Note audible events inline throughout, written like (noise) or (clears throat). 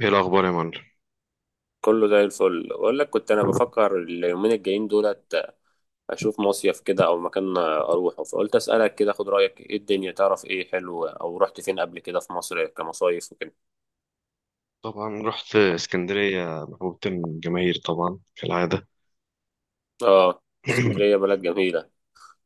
ايه الاخبار يا معلم؟ كله زي الفل، بقول لك كنت انا بفكر اليومين الجايين دولت اشوف مصيف كده او مكان اروحه. فقلت اسالك كده، خد رايك، ايه الدنيا؟ تعرف ايه حلو او رحت فين قبل كده في مصر كمصايف وكده؟ طبعا رحت اسكندريه، محبوبة الجماهير طبعا كالعاده. اه. اسكندريه (clears throat) بلد جميله.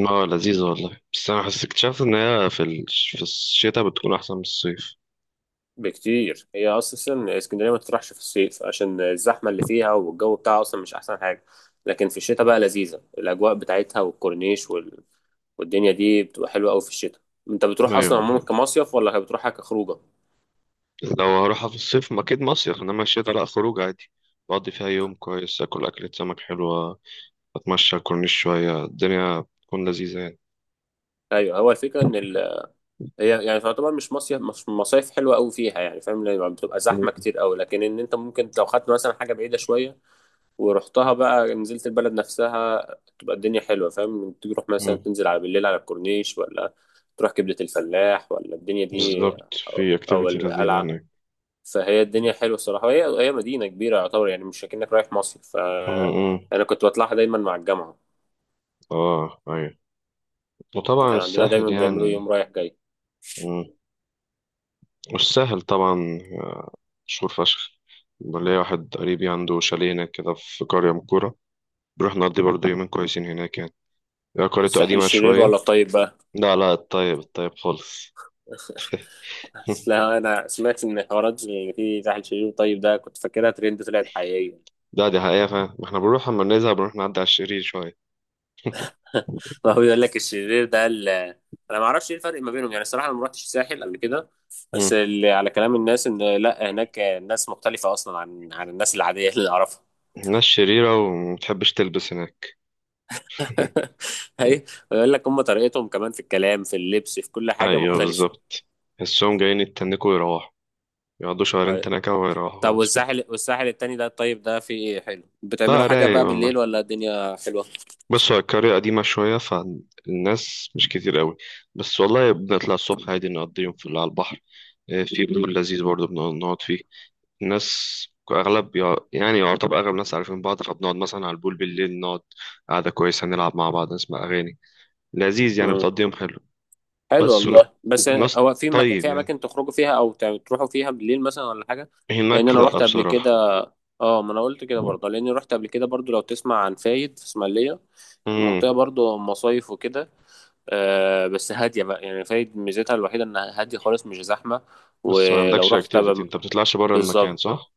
اه لذيذه والله، بس انا حسيت اكتشفت ان هي في في الشتاء بتكون احسن من الصيف. بكتير. هي اصلا اسكندريه ما تروحش في الصيف عشان الزحمه اللي فيها، والجو بتاعها اصلا مش احسن حاجه. لكن في الشتاء بقى لذيذه الاجواء بتاعتها والكورنيش والدنيا دي بتبقى حلوه قوي في الشتاء. انت بتروح اصلا ايوه، عموما كمصيف ولا بتروحها كخروجه؟ لو هروحها في الصيف ما اكيد مصيف، انما الشتاء لا، خروج عادي. بقضي فيها يوم كويس، اكل اكلة سمك حلوه، اتمشى على الكورنيش شويه، الدنيا بتكون لذيذه يعني. ايوه، هو الفكره ان هي يعني تعتبر مش مصايف حلوه قوي فيها، يعني فاهم، لان بتبقى مم. زحمه كتير قوي. لكن ان انت ممكن لو خدت مثلا حاجه بعيده شويه ورحتها بقى، نزلت البلد نفسها، تبقى الدنيا حلوه. فاهم، تروح مثلا مم. تنزل على بالليل على الكورنيش ولا تروح كبده الفلاح ولا الدنيا دي، بالظبط، او في أو اكتيفيتي لذيذه القلعه. هناك. فهي الدنيا حلوه الصراحه. هي هي مدينه كبيره يعتبر، يعني مش اكنك رايح مصيف مم. مم. انا كنت بطلعها دايما مع الجامعه. اه ايوه، وطبعا كان عندنا الساحل دايما بيعملوا يوم يعني. رايح جاي. مم. والساحل طبعا مشهور فشخ. ليا واحد قريبي عنده شاليه هناك كده، في قرية من الكورة. بنروح نقضي برضه يومين كويسين هناك يعني. هي قريته الساحل قديمة الشرير شوية. ولا الطيب بقى؟ لا لا، الطيب الطيب خالص. (laughs) اصل (laughs) انا سمعت ان حوارات اللي فيه تحت الشرير طيب ده، كنت فاكرها ترند، طلعت حقيقيه. لا دي حقيقة، فاهم؟ ما احنا بنروح أما بنزهق بنروح نعدي على الشرير شوية. (laughs) ما هو بيقول لك الشرير ده انا ما اعرفش ايه الفرق ما بينهم، يعني الصراحه انا ما رحتش الساحل قبل كده. بس مم. اللي على كلام الناس ان لا، هناك الناس مختلفه اصلا عن الناس العاديه اللي اعرفها. الناس شريرة ومتحبش تلبس هناك. (laughs) اي. ويقول لك هم طريقتهم كمان في الكلام، في اللبس، في كل حاجه أيوه مختلفه. بالظبط، تحسهم جايين يتنكوا ويروحوا، يقعدوا شهرين أي. تنكة ويروحوا طب خلاص كده. والساحل التاني ده طيب ده، فيه ايه حلو؟ بتعملوا لا حاجه رايق بقى والله. بالليل ولا الدنيا حلوه؟ بص، هو القرية قديمة شوية، فالناس مش كتير قوي. بس والله بنطلع الصبح عادي، نقضي يوم في اللي على البحر. في بول لذيذ برضه بنقعد فيه. الناس أغلب يعني يعتبر أغلب الناس عارفين بعض، فبنقعد مثلا على البول بالليل، نقعد قعدة كويسة، نلعب مع بعض، نسمع أغاني. لذيذ يعني، بتقضي يوم حلو. حلو بس ون... والله. بس وناس هو طيب في يعني اماكن تخرجوا فيها او تروحوا فيها بالليل مثلا ولا حاجه؟ لان هناك، انا لأ رحت قبل بصراحة. كده. اه، ما انا قلت كده برضه لاني رحت قبل كده برضه. لو تسمع عن فايد في اسماعيليه، مم. المنطقه برضه مصايف وكده. بس هاديه بقى يعني. فايد ميزتها الوحيده انها هاديه خالص، مش زحمه. بس ما ولو عندكش رحت اكتيفيتي، تبقى انت بتطلعش بره المكان بالظبط. صح؟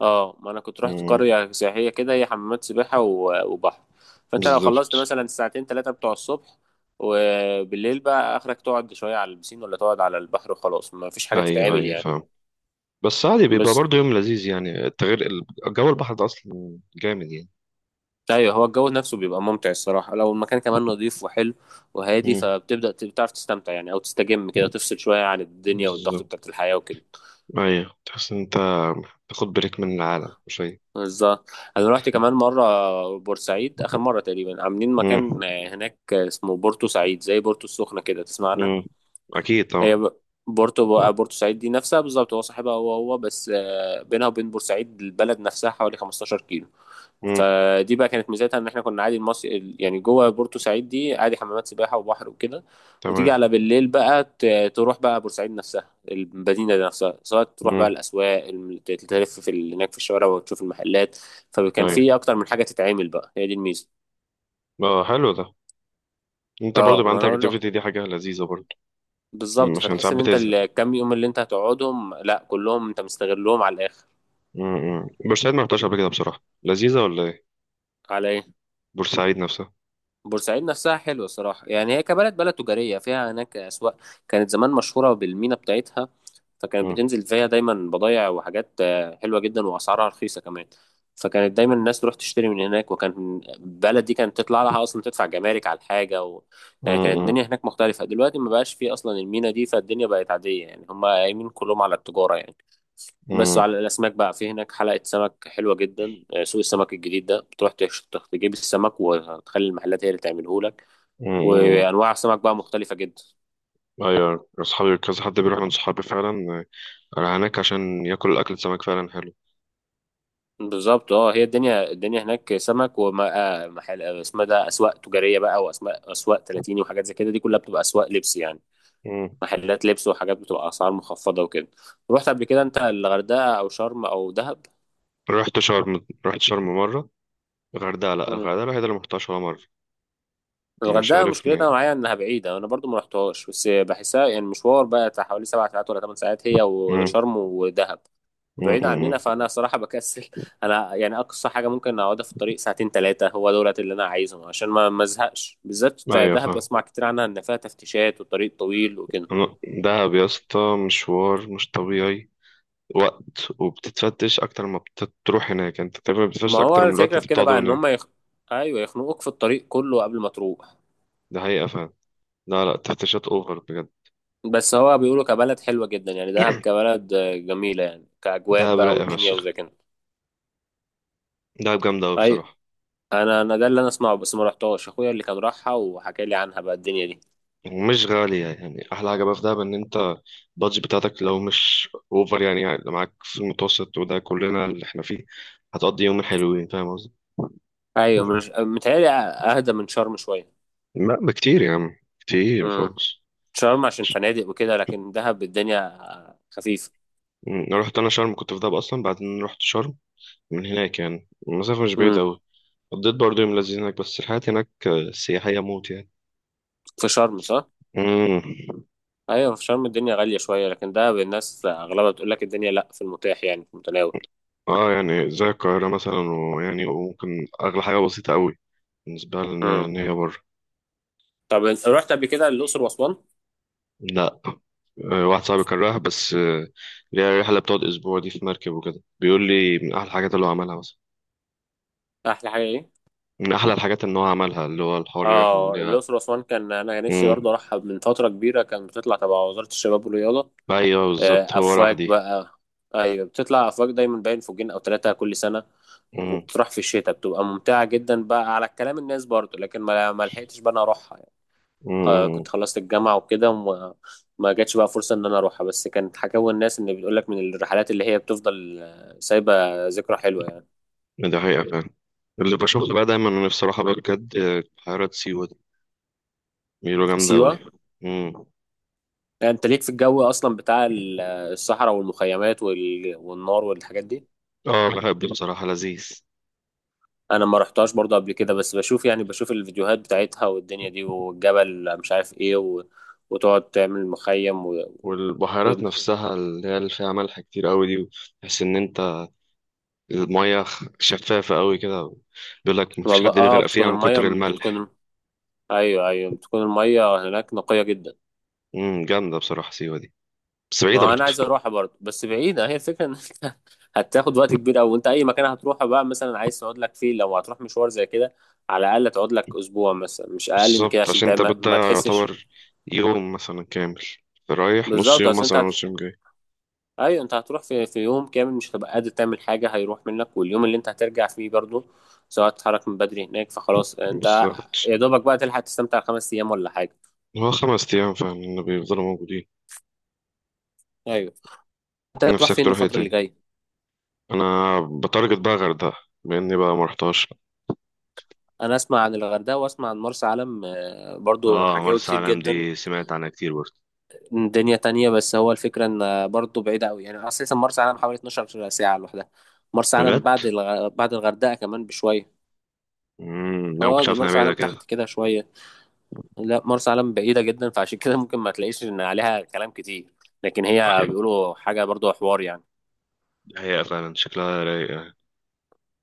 اه، ما انا كنت رحت مم. قرية سياحية كده، هي حمامات سباحة وبحر. فانت لو بالظبط. خلصت مثلا الساعتين ثلاثة بتوع الصبح، وبالليل بقى اخرك تقعد شوية على البسين ولا تقعد على البحر وخلاص، ما فيش حاجة ايوه تتعمل ايوه يعني. فاهم. بس عادي، بيبقى بس. برضه يوم لذيذ يعني، جو البحر ده اصلا جامد يعني. ايوه، هو الجو نفسه بيبقى ممتع الصراحة لو المكان كمان نظيف وحلو وهادي، امم، فبتبدأ بتعرف تستمتع يعني او تستجم كده، تفصل شوية عن الدنيا والضغط بالظبط. بتاعت الحياة وكده. ايوه، تحس ان انت تاخد بريك من العالم شوية. بالظبط. انا رحت كمان مرة بورسعيد اخر مرة تقريبا. عاملين مكان امم. هناك اسمه بورتو سعيد زي بورتو السخنة كده، تسمع عنها؟ امم. اكيد طبعا. هي بورتوسعيد دي نفسها بالظبط، هو صاحبها هو هو بس. بينها وبين بورسعيد البلد نفسها حوالي 15 كيلو. امم. فدي بقى كانت ميزتها ان احنا كنا عادي يعني جوه بورتوسعيد دي عادي حمامات سباحه وبحر وكده. وتيجي تمام. على بالليل بقى تروح بقى بورسعيد نفسها، المدينه دي نفسها، سواء تروح بقى امم. الاسواق، تلف هناك في الشوارع وتشوف المحلات. فكان ايوه. في اكتر من حاجه تتعمل بقى، هي دي الميزه. اه حلو ده، انت برضه اه، يبقى ما عندك انا اقول له اكتيفيتي، دي حاجة لذيذة برضه. مم، بالظبط. عشان فتحس ساعات ان انت بتزهق. الكام يوم اللي انت هتقعدهم لا، كلهم انت مستغلهم على الاخر. امم، بورسعيد ما رحتهاش قبل كده بصراحة، لذيذة ولا ايه؟ على ايه؟ بورسعيد نفسها. بورسعيد نفسها حلوه صراحه. يعني هي كبلد، بلد تجاريه فيها هناك اسواق. كانت زمان مشهوره بالمينا بتاعتها. فكانت امم. بتنزل فيها دايما بضايع وحاجات حلوه جدا واسعارها رخيصه كمان. فكانت دايما الناس تروح تشتري من هناك، وكان البلد دي كانت تطلع لها اصلا تدفع جمارك على الحاجه يعني كانت الدنيا هناك مختلفه. دلوقتي ما بقاش فيه اصلا المينا دي، فالدنيا بقت عاديه، يعني هم قايمين كلهم على التجاره يعني. بس على الاسماك بقى، في هناك حلقه سمك حلوه جدا. سوق السمك الجديد ده بتروح تجيب السمك وتخلي المحلات هي اللي تعمله لك. امم. وانواع سمك بقى مختلفه جدا. ايوه اصحابي كذا حد بيروح من صحابي فعلا هناك عشان ياكل اكل سمك فعلا حلو. بالظبط. اه، هي الدنيا الدنيا هناك سمك. ومحل اسمها ده اسواق تجاريه بقى، واسماء اسواق 30 وحاجات زي كده، دي كلها بتبقى اسواق لبس يعني. مم. محلات لبس وحاجات بتبقى اسعار مخفضه وكده. رحت قبل كده انت الغردقه او شرم او دهب؟ رحت شرم، رحت شرم مره. الغردقه لا، الغردقه الوحيده اللي ما رحتهاش ولا مره. مش الغردقة عارف مشكلتها ليه. معايا إنها بعيدة. أنا برضو ما رحتهاش، بس بحسها يعني مشوار بقى بتاع حوالي 7 ساعات ولا 8 ساعات، هي مم. وشرم ودهب. مم. بعيد عننا، مم. فأنا صراحة بكسل. (laughs) أنا يعني أقصى حاجة ممكن أقعدها في الطريق ساعتين ثلاثة هو دولت اللي أنا عايزهم، عشان ما أزهقش. بالذات مم. بتاع ايوه دهب فاهم. أسمع كتير عنها إن فيها تفتيشات والطريق طويل وكده. أنا- دهب يا اسطى، مشوار مش طبيعي. وقت وبتتفتش اكتر ما بتروح هناك، انت تقريبا ما بتتفتش هو اكتر من الوقت الفكرة في انت كده بقى بتقعده إن هم هناك. أيوه، يخنقوك في الطريق كله قبل ما تروح. ده حقيقه فعلا. لا لا، تفتيشات اوفر بجد. بس هو بيقولوا كبلد حلوة جدا يعني، دهب (clears throat) كبلد جميلة يعني، كأجواء دهب بقى رايقه والدنيا فشخ، وزي كده. دهب جامده قوي أيوة. بصراحه. انا ده اللي انا اسمعه بس ما رحتهاش. اخويا اللي كان راحها وحكى لي عنها بقى الدنيا دي. مش غالية، يعني أحلى حاجة بقى في دهب إن أنت البادج بتاعتك لو مش أوفر يعني, يعني لو معاك في المتوسط وده كلنا اللي إحنا فيه، هتقضي يومين حلوين، فاهم قصدي؟ ايوه، مش متهيألي اهدى من شرم شويه. لا بكتير يا عم، كتير امم. خالص. شرم عشان فنادق وكده، لكن دهب الدنيا خفيفه. أمم، أنا رحت أنا شرم، كنت في دهب أصلا بعدين رحت شرم من هناك، يعني المسافة مش بعيدة امم. أوي. قضيت برضه يوم لذيذ هناك، بس الحياة هناك سياحية موت يعني. في شرم صح؟ امم. ايوه، في شرم الدنيا غاليه شويه، لكن دهب الناس اغلبها بتقول لك الدنيا لا، في المتاح يعني في المتناول. اه يعني زي القاهرة مثلا، ويعني وممكن أغلى حاجة بسيطة أوي بالنسبة لنا، إن امم. هي بره. طب انت رحت قبل كده الاقصر واسوان؟ لا واحد صاحبي كان رايح، بس اللي هي الرحلة بتقعد أسبوع دي، في مركب وكده، بيقول لي من أحلى الحاجات اللي هو عملها مثلا. احلى حاجه ايه؟ من أحلى الحاجات إن هو عملها، اللي هو الحوار الرحلة اه، اللي هي. الاقصر واسوان كان انا نفسي مم. برضه اروحها من فتره كبيره. كان بتطلع تبع وزاره الشباب والرياضه أيوه بالظبط، هو راح افواج دي. بقى. ايوه، بتطلع افواج دايما، باين فوجين او ثلاثه كل سنه. مم. وبتروح في الشتاء بتبقى ممتعه جدا بقى على كلام الناس برضو، لكن ما لحقتش بقى انا اروحها يعني. مم. كنت خلصت الجامعه وكده وما ما جاتش بقى فرصه ان انا اروحها، بس كانت حكاوي الناس ان بيقول لك من الرحلات اللي هي بتفضل سايبه. ذكرى حلوه يعني. ده حقيقة فعلا. اللي بشوفه بقى دايما، أنا نفسي أروحها بقى بجد بحيرات سيوة دي، بيقولوا جامدة أوي. سيوه. مم. يعني انت ليك في الجو اصلا بتاع الصحراء والمخيمات والنار والحاجات دي. أه بحب بصراحة، لذيذ. انا ما رحتهاش برضه قبل كده، بس بشوف الفيديوهات بتاعتها والدنيا دي والجبل مش عارف ايه وتقعد تعمل مخيم و... والبحيرات نفسها اللي هي اللي فيها ملح كتير أوي دي، تحس إن أنت المية شفافة أوي كده، بيقول لك مفيش والله، حد اه. بيغرق فيها من المية كتر الملح. بتكون. ايوه، ايوه، بتكون المية هناك نقية جدا. امم، جامدة بصراحة سيوة دي، بس ما بعيدة هو انا برضه. عايز اروحها برضه، بس بعيدة. هي الفكرة ان (laughs) انت هتاخد وقت كبير قوي. وانت اي مكان هتروحه بقى مثلا عايز تقعد لك فيه لو هتروح مشوار زي كده، على الاقل تقعد لك اسبوع مثلا، مش اقل من كده، بالظبط، عشان عشان انت تعمل بدأ ما تحسش. يعتبر يوم مثلا كامل، رايح نص بالظبط. يوم اصل انت مثلا، نص يوم جاي. ايوه، انت هتروح في يوم كامل مش هتبقى قادر تعمل حاجه، هيروح منك، واليوم اللي انت هترجع فيه برضه، سواء تتحرك من بدري هناك، فخلاص انت بالظبط. يا دوبك بقى تلحق تستمتع 5 ايام ولا حاجه. هو 5 أيام فاهم، إن بيفضلوا موجودين. ايوه. انت هتروح نفسك فين تروح ايه الفتره اللي تاني؟ جايه؟ أنا بتارجت بقى غردقة، بما إني بقى مرحتهاش. انا اسمع عن الغردقه واسمع عن مرسى علم برضه اه حكاوي مرسى كتير علم جدا. دي سمعت عنها كتير برضه. دنيا تانية. بس هو الفكره ان برضه بعيده قوي، يعني اساسا مرسى علم حوالي 12 ساعه لوحدها. مرسى علم بجد؟ بعد بعد الغردقه كمان بشويه. امم، أنا اه، مكنتش دي عارف إنها مرسى بعيدة علم كده. تحت كده شويه. لا، مرسى علم بعيدة جدا، فعشان كده ممكن ما تلاقيش ان عليها كلام كتير. لكن هي أوكي، بيقولوا حاجة برضو حوار يعني. هي فعلا شكلها رايق يعني.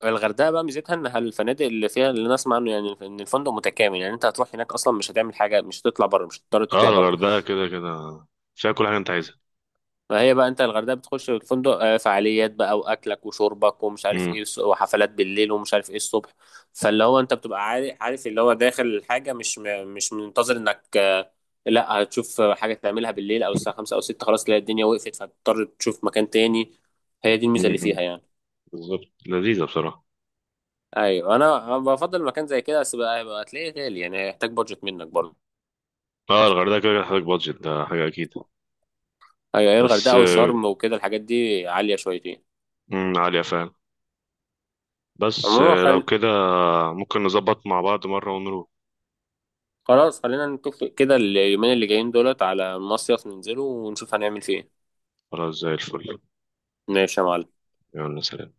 الغردقة بقى ميزتها انها الفنادق اللي فيها اللي نسمع عنه، يعني ان الفندق متكامل. يعني انت هتروح هناك اصلا مش هتعمل حاجة، مش هتطلع بره، مش هتضطر اه تطلع بره. الغردقة كده كده فيها كل حاجة أنت عايزها. فهي بقى انت الغردقة بتخش الفندق، فعاليات بقى واكلك وشربك ومش عارف ايه، امم. وحفلات بالليل ومش عارف ايه الصبح. فاللي هو انت بتبقى عارف عارف اللي هو داخل الحاجة، مش مش منتظر انك لا هتشوف حاجة تعملها بالليل أو الساعة خمسة أو ستة خلاص تلاقي الدنيا وقفت، فهتضطر تشوف مكان تاني. هي دي الميزة أمم، اللي فيها أمم. يعني. بالظبط لذيذة بصراحة. أيوة، أنا بفضل مكان زي كده. بس بقى هتلاقيه غالي يعني، هيحتاج بادجت منك برضه. اه الغردقة كده كده هتحتاج بادجت، ده حاجة أكيد. أيوة، هي بس الغردقة بالظبط وشرم وكده الحاجات دي عالية شويتين. مم، عالية فعلا. بس عموما لو كده ممكن نظبط مع بعض مرة ونروح. خلاص، خلينا نتفق كده اليومين اللي جايين دولت على المصيف ننزله ونشوف هنعمل فيه إيه. خلاص زي الفل. ماشي يا معلم. يلا سلام